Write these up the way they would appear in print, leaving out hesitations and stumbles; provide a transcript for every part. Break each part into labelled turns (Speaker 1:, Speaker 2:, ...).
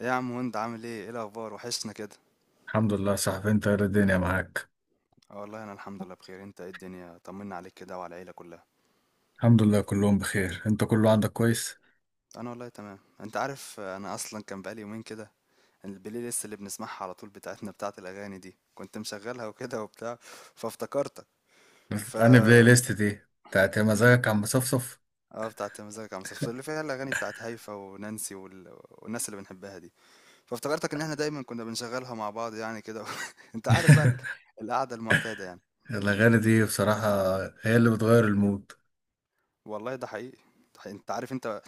Speaker 1: ايه يا عم، وانت عامل ايه؟ ايه الاخبار؟ وحشنا كده.
Speaker 2: الحمد لله يا صاحبي، انت ايه الدنيا معاك؟
Speaker 1: اه والله انا الحمد لله بخير. انت ايه الدنيا؟ طمنا عليك كده وعلى العيله كلها.
Speaker 2: الحمد لله كلهم بخير. انت كله عندك كويس؟
Speaker 1: انا والله تمام. انت عارف انا اصلا كان بقالي يومين كده البلاي ليست اللي بنسمعها على طول بتاعتنا، بتاعت الاغاني دي، كنت مشغلها وكده وبتاع، فافتكرتك.
Speaker 2: بس
Speaker 1: ف
Speaker 2: انا بلاي ليست دي بتاعت يا مزاجك عم صفصف.
Speaker 1: اه، بتاعت مزاجك يا عم صفصف، اللي فيها الاغاني بتاعت هيفا ونانسي والناس اللي بنحبها دي. فافتكرتك ان احنا دايما كنا بنشغلها مع بعض، يعني كده انت عارف بقى القعده المعتاده يعني.
Speaker 2: الاغاني دي بصراحة هي اللي بتغير المود.
Speaker 1: والله ده حقيقي. ده حقيقي. انت عارف، انت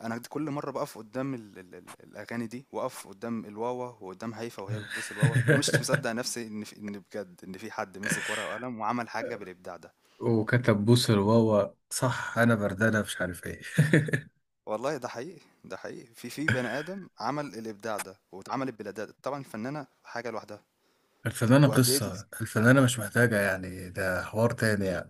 Speaker 1: انا كل مره بقف قدام ال الاغاني دي، واقف قدام الواوا وقدام هيفا وهي بتبوس الواوا، ومش مصدق نفسي ان في، ان بجد ان في حد مسك ورقه وقلم وعمل حاجه بالابداع ده.
Speaker 2: وكتب بوس الواوا، صح؟ انا بردانة مش عارف ايه.
Speaker 1: والله ده حقيقي. ده حقيقي، في بني ادم عمل الابداع ده، واتعملت بلا طبعا الفنانه حاجه لوحدها.
Speaker 2: الفنانة،
Speaker 1: وقد ايه ال-
Speaker 2: قصة الفنانة مش محتاجة، يعني ده حوار تاني يعني.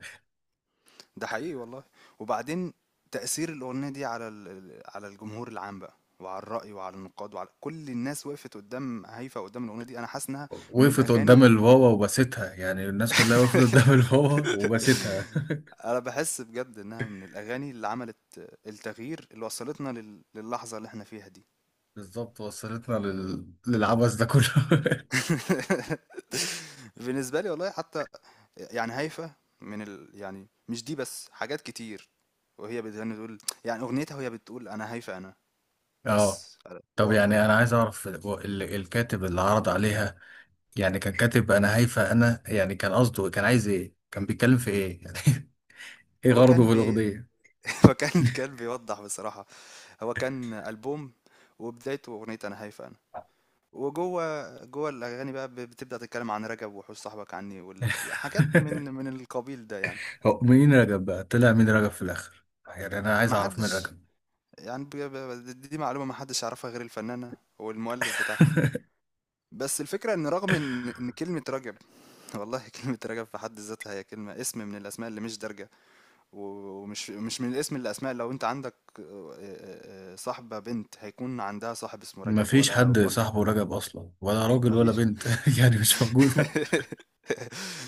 Speaker 1: ده حقيقي والله. وبعدين تاثير الاغنيه دي على على الجمهور العام بقى، وعلى الرأي وعلى النقاد وعلى كل الناس. وقفت قدام هيفا، قدام الأغنية دي أنا حاسس إنها من
Speaker 2: وقفت قدام
Speaker 1: الأغاني.
Speaker 2: الواوا وبستها، يعني الناس كلها وقفت قدام الواوا وبستها.
Speaker 1: انا بحس بجد انها من الاغاني اللي عملت التغيير اللي وصلتنا للحظه اللي احنا فيها دي.
Speaker 2: بالظبط، وصلتنا للعبث ده كله.
Speaker 1: بالنسبه لي والله حتى، يعني هيفا يعني مش دي بس، حاجات كتير. وهي بتغني تقول، يعني اغنيتها وهي بتقول: انا هيفا انا.
Speaker 2: اه،
Speaker 1: بس
Speaker 2: طب
Speaker 1: اقف بقى
Speaker 2: يعني
Speaker 1: هنا.
Speaker 2: انا عايز اعرف هو الكاتب اللي عرض عليها، يعني كان كاتب انا هايفه انا، يعني كان قصده كان عايز ايه، كان بيتكلم في ايه يعني؟ ايه
Speaker 1: هو
Speaker 2: غرضه
Speaker 1: كان
Speaker 2: في
Speaker 1: بي
Speaker 2: الاغنيه؟
Speaker 1: هو كان كان بيوضح بصراحه، هو كان البوم وبدايته اغنيه انا هيفا، وجوّه الأغاني بقى بتبدأ تتكلّم عن رجب، وحُوش صاحبك عني، وال يعني، حاجات من من القبيل ده يعني،
Speaker 2: هو مين رجب بقى، طلع مين رجب في الاخر؟ يعني انا عايز
Speaker 1: ما
Speaker 2: اعرف مين
Speaker 1: حدّش،
Speaker 2: رجب.
Speaker 1: يعني ب ب د دي معلومة ما حدّش يعرفها غير الفنّانة والمؤلِّف بتاعها. بس الفكرة إن رغم إن كلمة رجب، والله كلمة رجب في حد ذاتها هي كلمة، اسم من الأسماء اللي مش دارجة، و ومش مش من الاسم للأسماء. لو أنت عندك صاحبة بنت، هيكون عندها صاحب اسمه رجب
Speaker 2: مفيش
Speaker 1: ولا
Speaker 2: حد
Speaker 1: واحد؟
Speaker 2: صاحبه رجب اصلا، ولا راجل
Speaker 1: ما
Speaker 2: ولا
Speaker 1: فيش.
Speaker 2: بنت. يعني مش موجوده.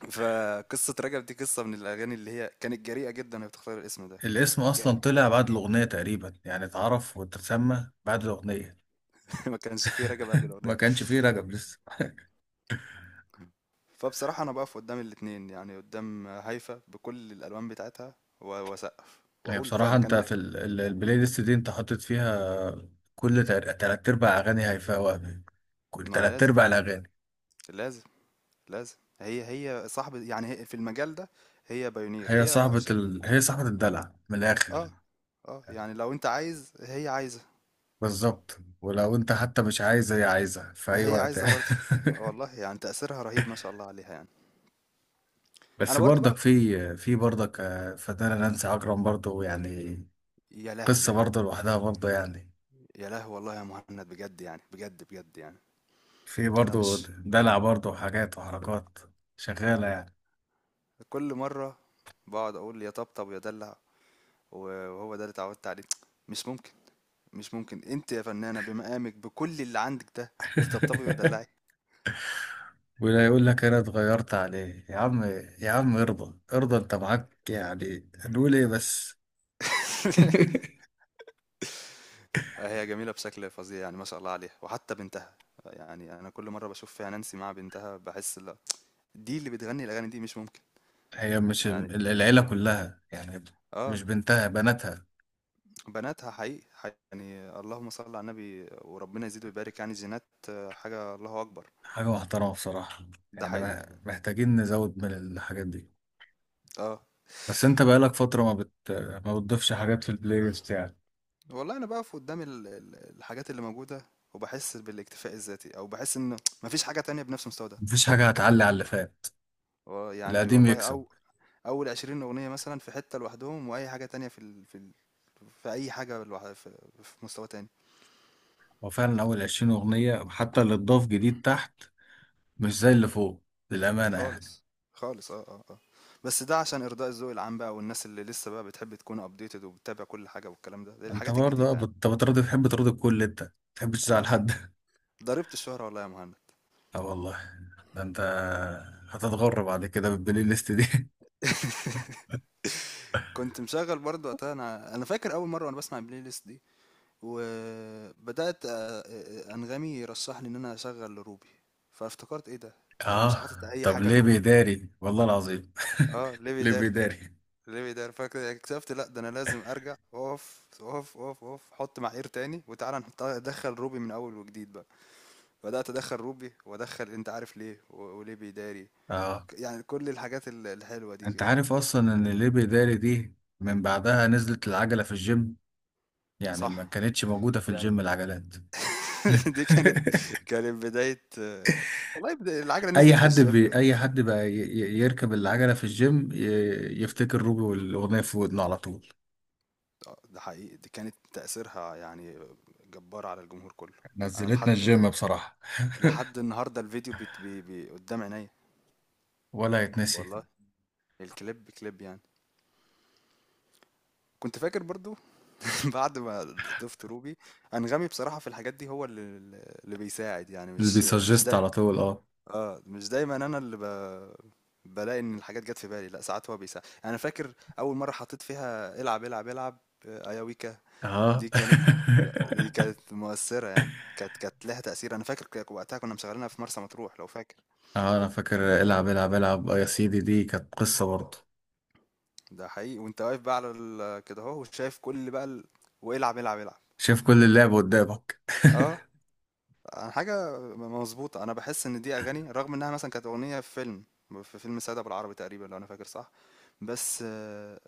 Speaker 1: فقصة رجب دي قصة من الأغاني اللي هي كانت جريئة جدا وهي بتختار الاسم ده.
Speaker 2: الاسم اصلا
Speaker 1: وجا-
Speaker 2: طلع بعد الاغنيه تقريبا، يعني اتعرف واتسمى بعد الاغنيه.
Speaker 1: ما كانش فيه رجب قبل
Speaker 2: ما
Speaker 1: الأغنية.
Speaker 2: كانش فيه رجب لسه.
Speaker 1: فبصراحة أنا بقف قدام الاتنين، يعني قدام هايفا بكل الألوان بتاعتها وأسقف
Speaker 2: هي
Speaker 1: وأقول
Speaker 2: بصراحة،
Speaker 1: فعلا
Speaker 2: انت
Speaker 1: كان
Speaker 2: في البلاي ليست دي انت حاطط فيها كل تلات ارباع اغاني هيفاء وهبي، كل
Speaker 1: ما
Speaker 2: تلات
Speaker 1: لازم.
Speaker 2: ارباع الاغاني.
Speaker 1: لازم، لازم هي، هي صاحبة، يعني هي في المجال ده هي بايونير.
Speaker 2: هي صاحبة الدلع من الاخر.
Speaker 1: اه، اه يعني لو أنت عايز هي عايزة،
Speaker 2: بالظبط، ولو انت حتى مش عايزة هي عايزة في اي
Speaker 1: هي
Speaker 2: وقت.
Speaker 1: عايزة برضه. والله يعني تأثيرها رهيب ما شاء الله عليها يعني. أنا
Speaker 2: بس
Speaker 1: برضه
Speaker 2: برضك
Speaker 1: بقى،
Speaker 2: في برضك، فنانة نانسي عجرم برضه يعني.
Speaker 1: يا
Speaker 2: قصة
Speaker 1: لهوي،
Speaker 2: برضه لوحدها برضه يعني.
Speaker 1: يا لهوي والله يا مهند، بجد يعني، بجد بجد يعني.
Speaker 2: في
Speaker 1: انا
Speaker 2: برضه
Speaker 1: مش،
Speaker 2: دلع برضه وحاجات وحركات شغالة يعني.
Speaker 1: كل مره بقعد اقول يا طبطب يا دلع، وهو ده اللي اتعودت عليه. مش ممكن، مش ممكن انت يا فنانه بمقامك، بكل اللي عندك ده، تطبطبي وتدلعي.
Speaker 2: ولا يقول لك انا اتغيرت عليه يا عم. يا عم، ارضى ارضى انت معاك، يعني هنقول ايه بس.
Speaker 1: هي جميله بشكل فظيع يعني، ما شاء الله عليها. وحتى بنتها، يعني انا كل مره بشوف فيها نانسي مع بنتها بحس لا، دي اللي بتغني الاغاني دي؟ مش ممكن.
Speaker 2: هي مش
Speaker 1: يعني
Speaker 2: العيلة كلها يعني؟ مش
Speaker 1: اه،
Speaker 2: بنتها، بناتها.
Speaker 1: بناتها حقيقي, حقيقي يعني، اللهم صل على النبي، وربنا يزيد ويبارك يعني، جينات آه، حاجه الله اكبر.
Speaker 2: حاجة محترمة بصراحة،
Speaker 1: ده
Speaker 2: يعني
Speaker 1: حقيقي.
Speaker 2: محتاجين نزود من الحاجات دي.
Speaker 1: اه
Speaker 2: بس انت بقالك فترة ما بتضيفش حاجات في البلاي ليست يعني.
Speaker 1: والله انا بقف قدام الحاجات اللي موجوده، وبحس بالاكتفاء الذاتي، او بحس ان مفيش حاجه تانية بنفس المستوى ده.
Speaker 2: مفيش حاجة هتعلي على اللي فات،
Speaker 1: آه، يعني
Speaker 2: القديم
Speaker 1: والله،
Speaker 2: يكسب.
Speaker 1: او اول 20 اغنيه مثلا في حته لوحدهم، واي حاجه تانية في اي حاجه لوحدها، في مستوى تاني
Speaker 2: هو فعلا أول 20 أغنية، حتى اللي اتضاف جديد تحت مش زي اللي فوق للأمانة يعني.
Speaker 1: خالص. خالص، اه اه اه. بس ده عشان ارضاء الذوق العام بقى، والناس اللي لسه بقى بتحب تكون ابديتد وبتتابع كل حاجه والكلام ده، دي
Speaker 2: انت
Speaker 1: الحاجات
Speaker 2: برضه، اه،
Speaker 1: الجديده يعني.
Speaker 2: بترضي تحب ترضي الكل، انت ما تحبش تزعل
Speaker 1: اه،
Speaker 2: حد.
Speaker 1: ضربت الشهره والله يا مهند.
Speaker 2: اه والله، ده انت هتتغر بعد كده بالبلاي ليست دي.
Speaker 1: كنت مشغل برضه وقتها، انا انا فاكر اول مره وانا بسمع البلاي ليست دي، وبدأت آه، آه، أنغامي يرشح لي إن أنا أشغل روبي. فافتكرت إيه ده؟ أنا مش
Speaker 2: اه،
Speaker 1: حاطط أي
Speaker 2: طب
Speaker 1: حاجة
Speaker 2: ليه
Speaker 1: لروبي.
Speaker 2: بيداري والله العظيم!
Speaker 1: اه، ليه
Speaker 2: ليه
Speaker 1: بيداري.
Speaker 2: بيداري.
Speaker 1: ليه بيداري. فاكر اكتشفت لا، ده انا لازم ارجع اقف، حط معايير تاني. وتعالى ادخل روبي من اول وجديد بقى. بدأت ادخل روبي، وادخل انت عارف ليه، وليه بيداري،
Speaker 2: اه،
Speaker 1: يعني كل الحاجات الحلوة دي
Speaker 2: انت
Speaker 1: كده.
Speaker 2: عارف اصلا ان ليه بيداري دي من بعدها نزلت العجلة في الجيم، يعني ما
Speaker 1: صح،
Speaker 2: كانتش موجودة في
Speaker 1: يعني
Speaker 2: الجيم العجلات.
Speaker 1: دي كانت، كانت بداية آه، والله العجلة نزلت في الجيم.
Speaker 2: اي حد بقى يركب العجلة في الجيم، يفتكر روبي والاغنية في ودنه على طول.
Speaker 1: آه، ده حقيقي، دي كانت تأثيرها يعني جبار على الجمهور كله. انا
Speaker 2: نزلتنا
Speaker 1: لحد،
Speaker 2: الجيم بصراحة،
Speaker 1: لحد النهارده الفيديو بيت بي بي قدام عينيا.
Speaker 2: ولا يتنسي.
Speaker 1: والله الكليب كليب يعني. كنت فاكر برضو بعد ما ضفت روبي، انغامي بصراحة في الحاجات دي هو اللي، اللي بيساعد يعني،
Speaker 2: اللي
Speaker 1: مش
Speaker 2: بيسجست
Speaker 1: ده.
Speaker 2: على طول، اه،
Speaker 1: اه مش دايما انا اللي بلاقي ان الحاجات جت في بالي، لا ساعات هو بيساعد يعني. انا فاكر اول مرة حطيت فيها العب، آه، ايا ويكا.
Speaker 2: اه.
Speaker 1: دي كانت، دي كانت مؤثرة يعني، كانت، كانت لها تأثير. أنا فاكر وقتها كنا مشغلينها في مرسى مطروح لو فاكر.
Speaker 2: اه، انا فاكر العب العب العب، آه يا سيدي، دي كانت قصة برضه.
Speaker 1: ده حقيقي، وأنت واقف بقى على كده أهو وشايف كل بقى والعب العب العب.
Speaker 2: شايف كل اللعب قدامك.
Speaker 1: اه. أنا حاجة مظبوطة، أنا بحس إن دي أغاني رغم إنها مثلا كانت أغنية في فيلم، في فيلم سادة بالعربي تقريبا لو أنا فاكر صح، بس آه،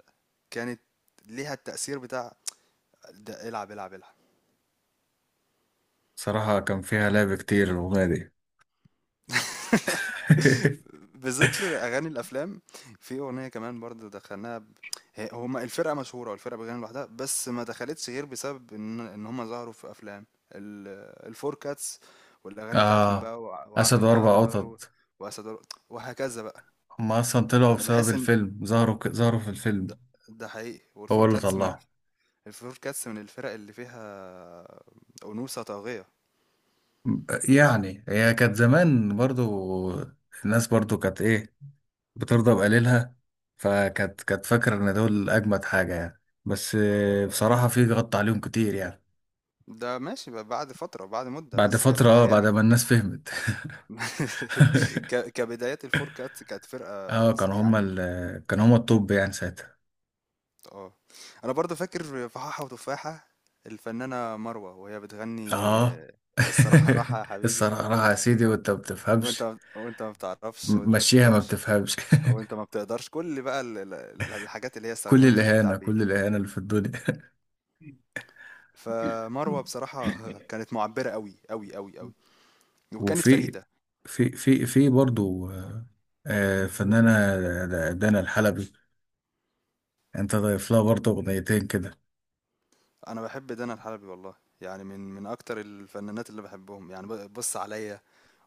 Speaker 1: كانت ليها التأثير بتاع ده، العب العب العب.
Speaker 2: صراحة كان فيها لعب كتير الأغنية دي.
Speaker 1: بذكر اغاني الافلام، في اغنيه كمان برضه دخلناها هما الفرقه مشهوره والفرقه بتغني لوحدها، بس ما دخلتش غير بسبب ان هما ظهروا في افلام، الفور كاتس، والاغاني بتاعتهم
Speaker 2: اه،
Speaker 1: بقى
Speaker 2: أسد
Speaker 1: وعامل لي
Speaker 2: وأربع
Speaker 1: عنتر
Speaker 2: قطط.
Speaker 1: واسد ور- وهكذا بقى.
Speaker 2: هما أصلا طلعوا
Speaker 1: انا
Speaker 2: بسبب
Speaker 1: بحس ان
Speaker 2: الفيلم، ظهروا في الفيلم.
Speaker 1: ده، ده حقيقي.
Speaker 2: هو
Speaker 1: والفور
Speaker 2: اللي
Speaker 1: كاتس من
Speaker 2: طلعهم.
Speaker 1: الفور كاتس من الفرق اللي فيها انوثه طاغيه.
Speaker 2: يعني هي كانت زمان برضو، الناس برضو كانت إيه، بترضى بقليلها. فكانت فاكرة إن دول أجمد حاجة يعني، بس بصراحة في غط عليهم كتير يعني.
Speaker 1: ده ماشي بقى بعد فتره، بعد مده،
Speaker 2: بعد
Speaker 1: بس
Speaker 2: فترة، اه،
Speaker 1: كبدايه
Speaker 2: بعد ما الناس فهمت.
Speaker 1: كبدايات الفور كاتس كانت
Speaker 2: اه،
Speaker 1: فرقة يعني،
Speaker 2: كانوا هما الطب يعني ساعتها.
Speaker 1: اه. انا برضو فاكر فحاحة وتفاحة، الفنانة مروة وهي بتغني
Speaker 2: اه.
Speaker 1: آه، الصراحة راحة يا حبيبي،
Speaker 2: الصراحة
Speaker 1: وانت
Speaker 2: يا سيدي، وانت ما بتفهمش،
Speaker 1: وانت ما بتعرفش، وانت ما
Speaker 2: مشيها ما
Speaker 1: تفهمش،
Speaker 2: بتفهمش.
Speaker 1: وانت ما بتقدرش، كل بقى الحاجات اللي هي
Speaker 2: كل
Speaker 1: استخدمتها في
Speaker 2: الإهانة كل
Speaker 1: التعبير.
Speaker 2: الإهانة اللي في الدنيا.
Speaker 1: فمروة بصراحة كانت معبرة قوي قوي قوي قوي، وكانت
Speaker 2: وفي،
Speaker 1: فريدة.
Speaker 2: في في في برضو، فنانة، دانا الحلبي. انت ضايف لها برضو أغنيتين كده.
Speaker 1: انا بحب دانا الحلبي والله، يعني من اكتر الفنانات اللي بحبهم يعني. بص عليا،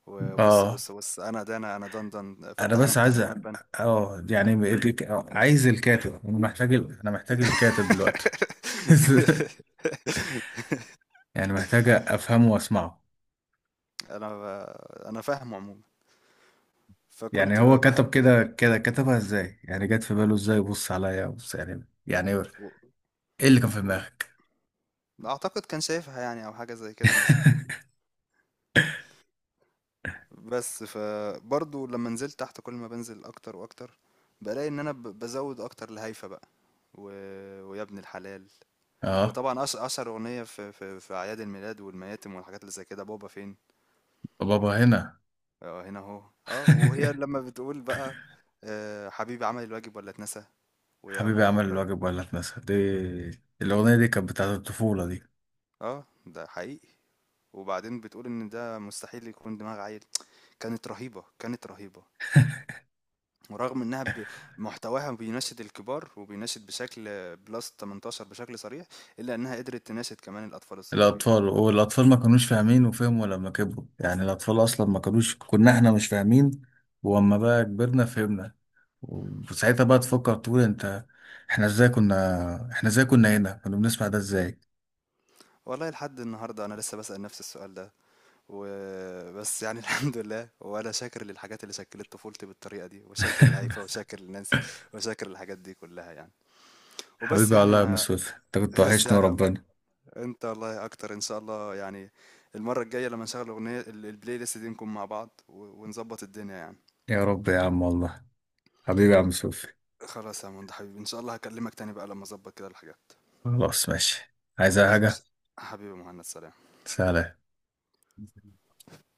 Speaker 1: وبُص،
Speaker 2: اه،
Speaker 1: بُص، بُص، أنا ده، أنا أنا دان،
Speaker 2: انا
Speaker 1: فتّح
Speaker 2: بس
Speaker 1: عينك
Speaker 2: عايز
Speaker 1: تاخد ملبن.
Speaker 2: اه، يعني، عايز الكاتب، انا محتاج الكاتب دلوقتي. يعني محتاج افهمه واسمعه.
Speaker 1: أنا ب أنا فاهمه عمومًا،
Speaker 2: يعني
Speaker 1: فكنت
Speaker 2: هو كتب
Speaker 1: باحب
Speaker 2: كده كده، كتبها ازاي؟ يعني جت في باله ازاي؟ بص عليا بص، يعني ايه
Speaker 1: و
Speaker 2: اللي كان في
Speaker 1: و
Speaker 2: دماغك؟
Speaker 1: أعتقد كان شايفها يعني، أو حاجة زي كده مثلًا، بس فبرضه لمّا نزلت تحت، كل ما بانزل أكتر وأكتر، بالاقي إن أنا بازوّد أكتر لهايفا بقى. و ويا ابن الحلال،
Speaker 2: اه،
Speaker 1: وطبعًا أشهر أغنية في أعياد الميلاد والمياتم والحاجات اللي زي كده: بابا فين.
Speaker 2: بابا هنا.
Speaker 1: آه، هنا أهو، آه، وهي لمّا بتقول بقى حبيبي عمل الواجب والّا اتنسى، ويا
Speaker 2: حبيبي
Speaker 1: ماما
Speaker 2: عمل
Speaker 1: بُكرة
Speaker 2: الواجب ولا اتنسى دي، الاغنيه دي كانت بتاعت الطفوله دي.
Speaker 1: آه، ده حقيقي، وبعدين بتقول إن ده مستحيل يكون دماغ عيل. كانت رهيبة، كانت رهيبة. ورغم إنها محتواها بيناشد الكبار، وبيناشد بشكل plus 18 بشكل صريح، إلا إنها قدرت تناشد كمان الأطفال الصغيرين.
Speaker 2: الاطفال والاطفال ما كانوش فاهمين، وفهموا لما كبروا، يعني الاطفال اصلا ما كانوش، كنا احنا مش فاهمين، واما بقى كبرنا فهمنا، وساعتها بقى تفكر تقول انت احنا ازاي كنا احنا ازاي كنا هنا كنا بنسمع ده ازاي؟
Speaker 1: والله لحد النهارده أنا لسه باسأل نفسي السؤال ده. وبس يعني الحمد لله، وأنا شاكر للحاجات اللي شكلت طفولتي بالطريقة دي، وشاكر لهيفا، وشاكر لنانسي، وشاكر للحاجات دي كلها يعني. وبس
Speaker 2: حبيبي
Speaker 1: يعني
Speaker 2: والله يا عم سوفي انت كنت
Speaker 1: بس
Speaker 2: وحشني
Speaker 1: يعني يا مان،
Speaker 2: وربنا.
Speaker 1: انت والله اكتر ان شاء الله يعني. المرة الجاية لما نشغل اغنية البلاي ليست دي نكون مع بعض ونظبط الدنيا يعني.
Speaker 2: يا رب يا عم والله. حبيبي يا عم سوفي.
Speaker 1: خلاص يا مهند حبيبي، ان شاء الله هكلمك تاني بقى لما اظبط كده الحاجات.
Speaker 2: خلاص ماشي، عايز أي
Speaker 1: خلاص ماشي.
Speaker 2: حاجة؟
Speaker 1: حبيبي مهند، سلام.
Speaker 2: سلام.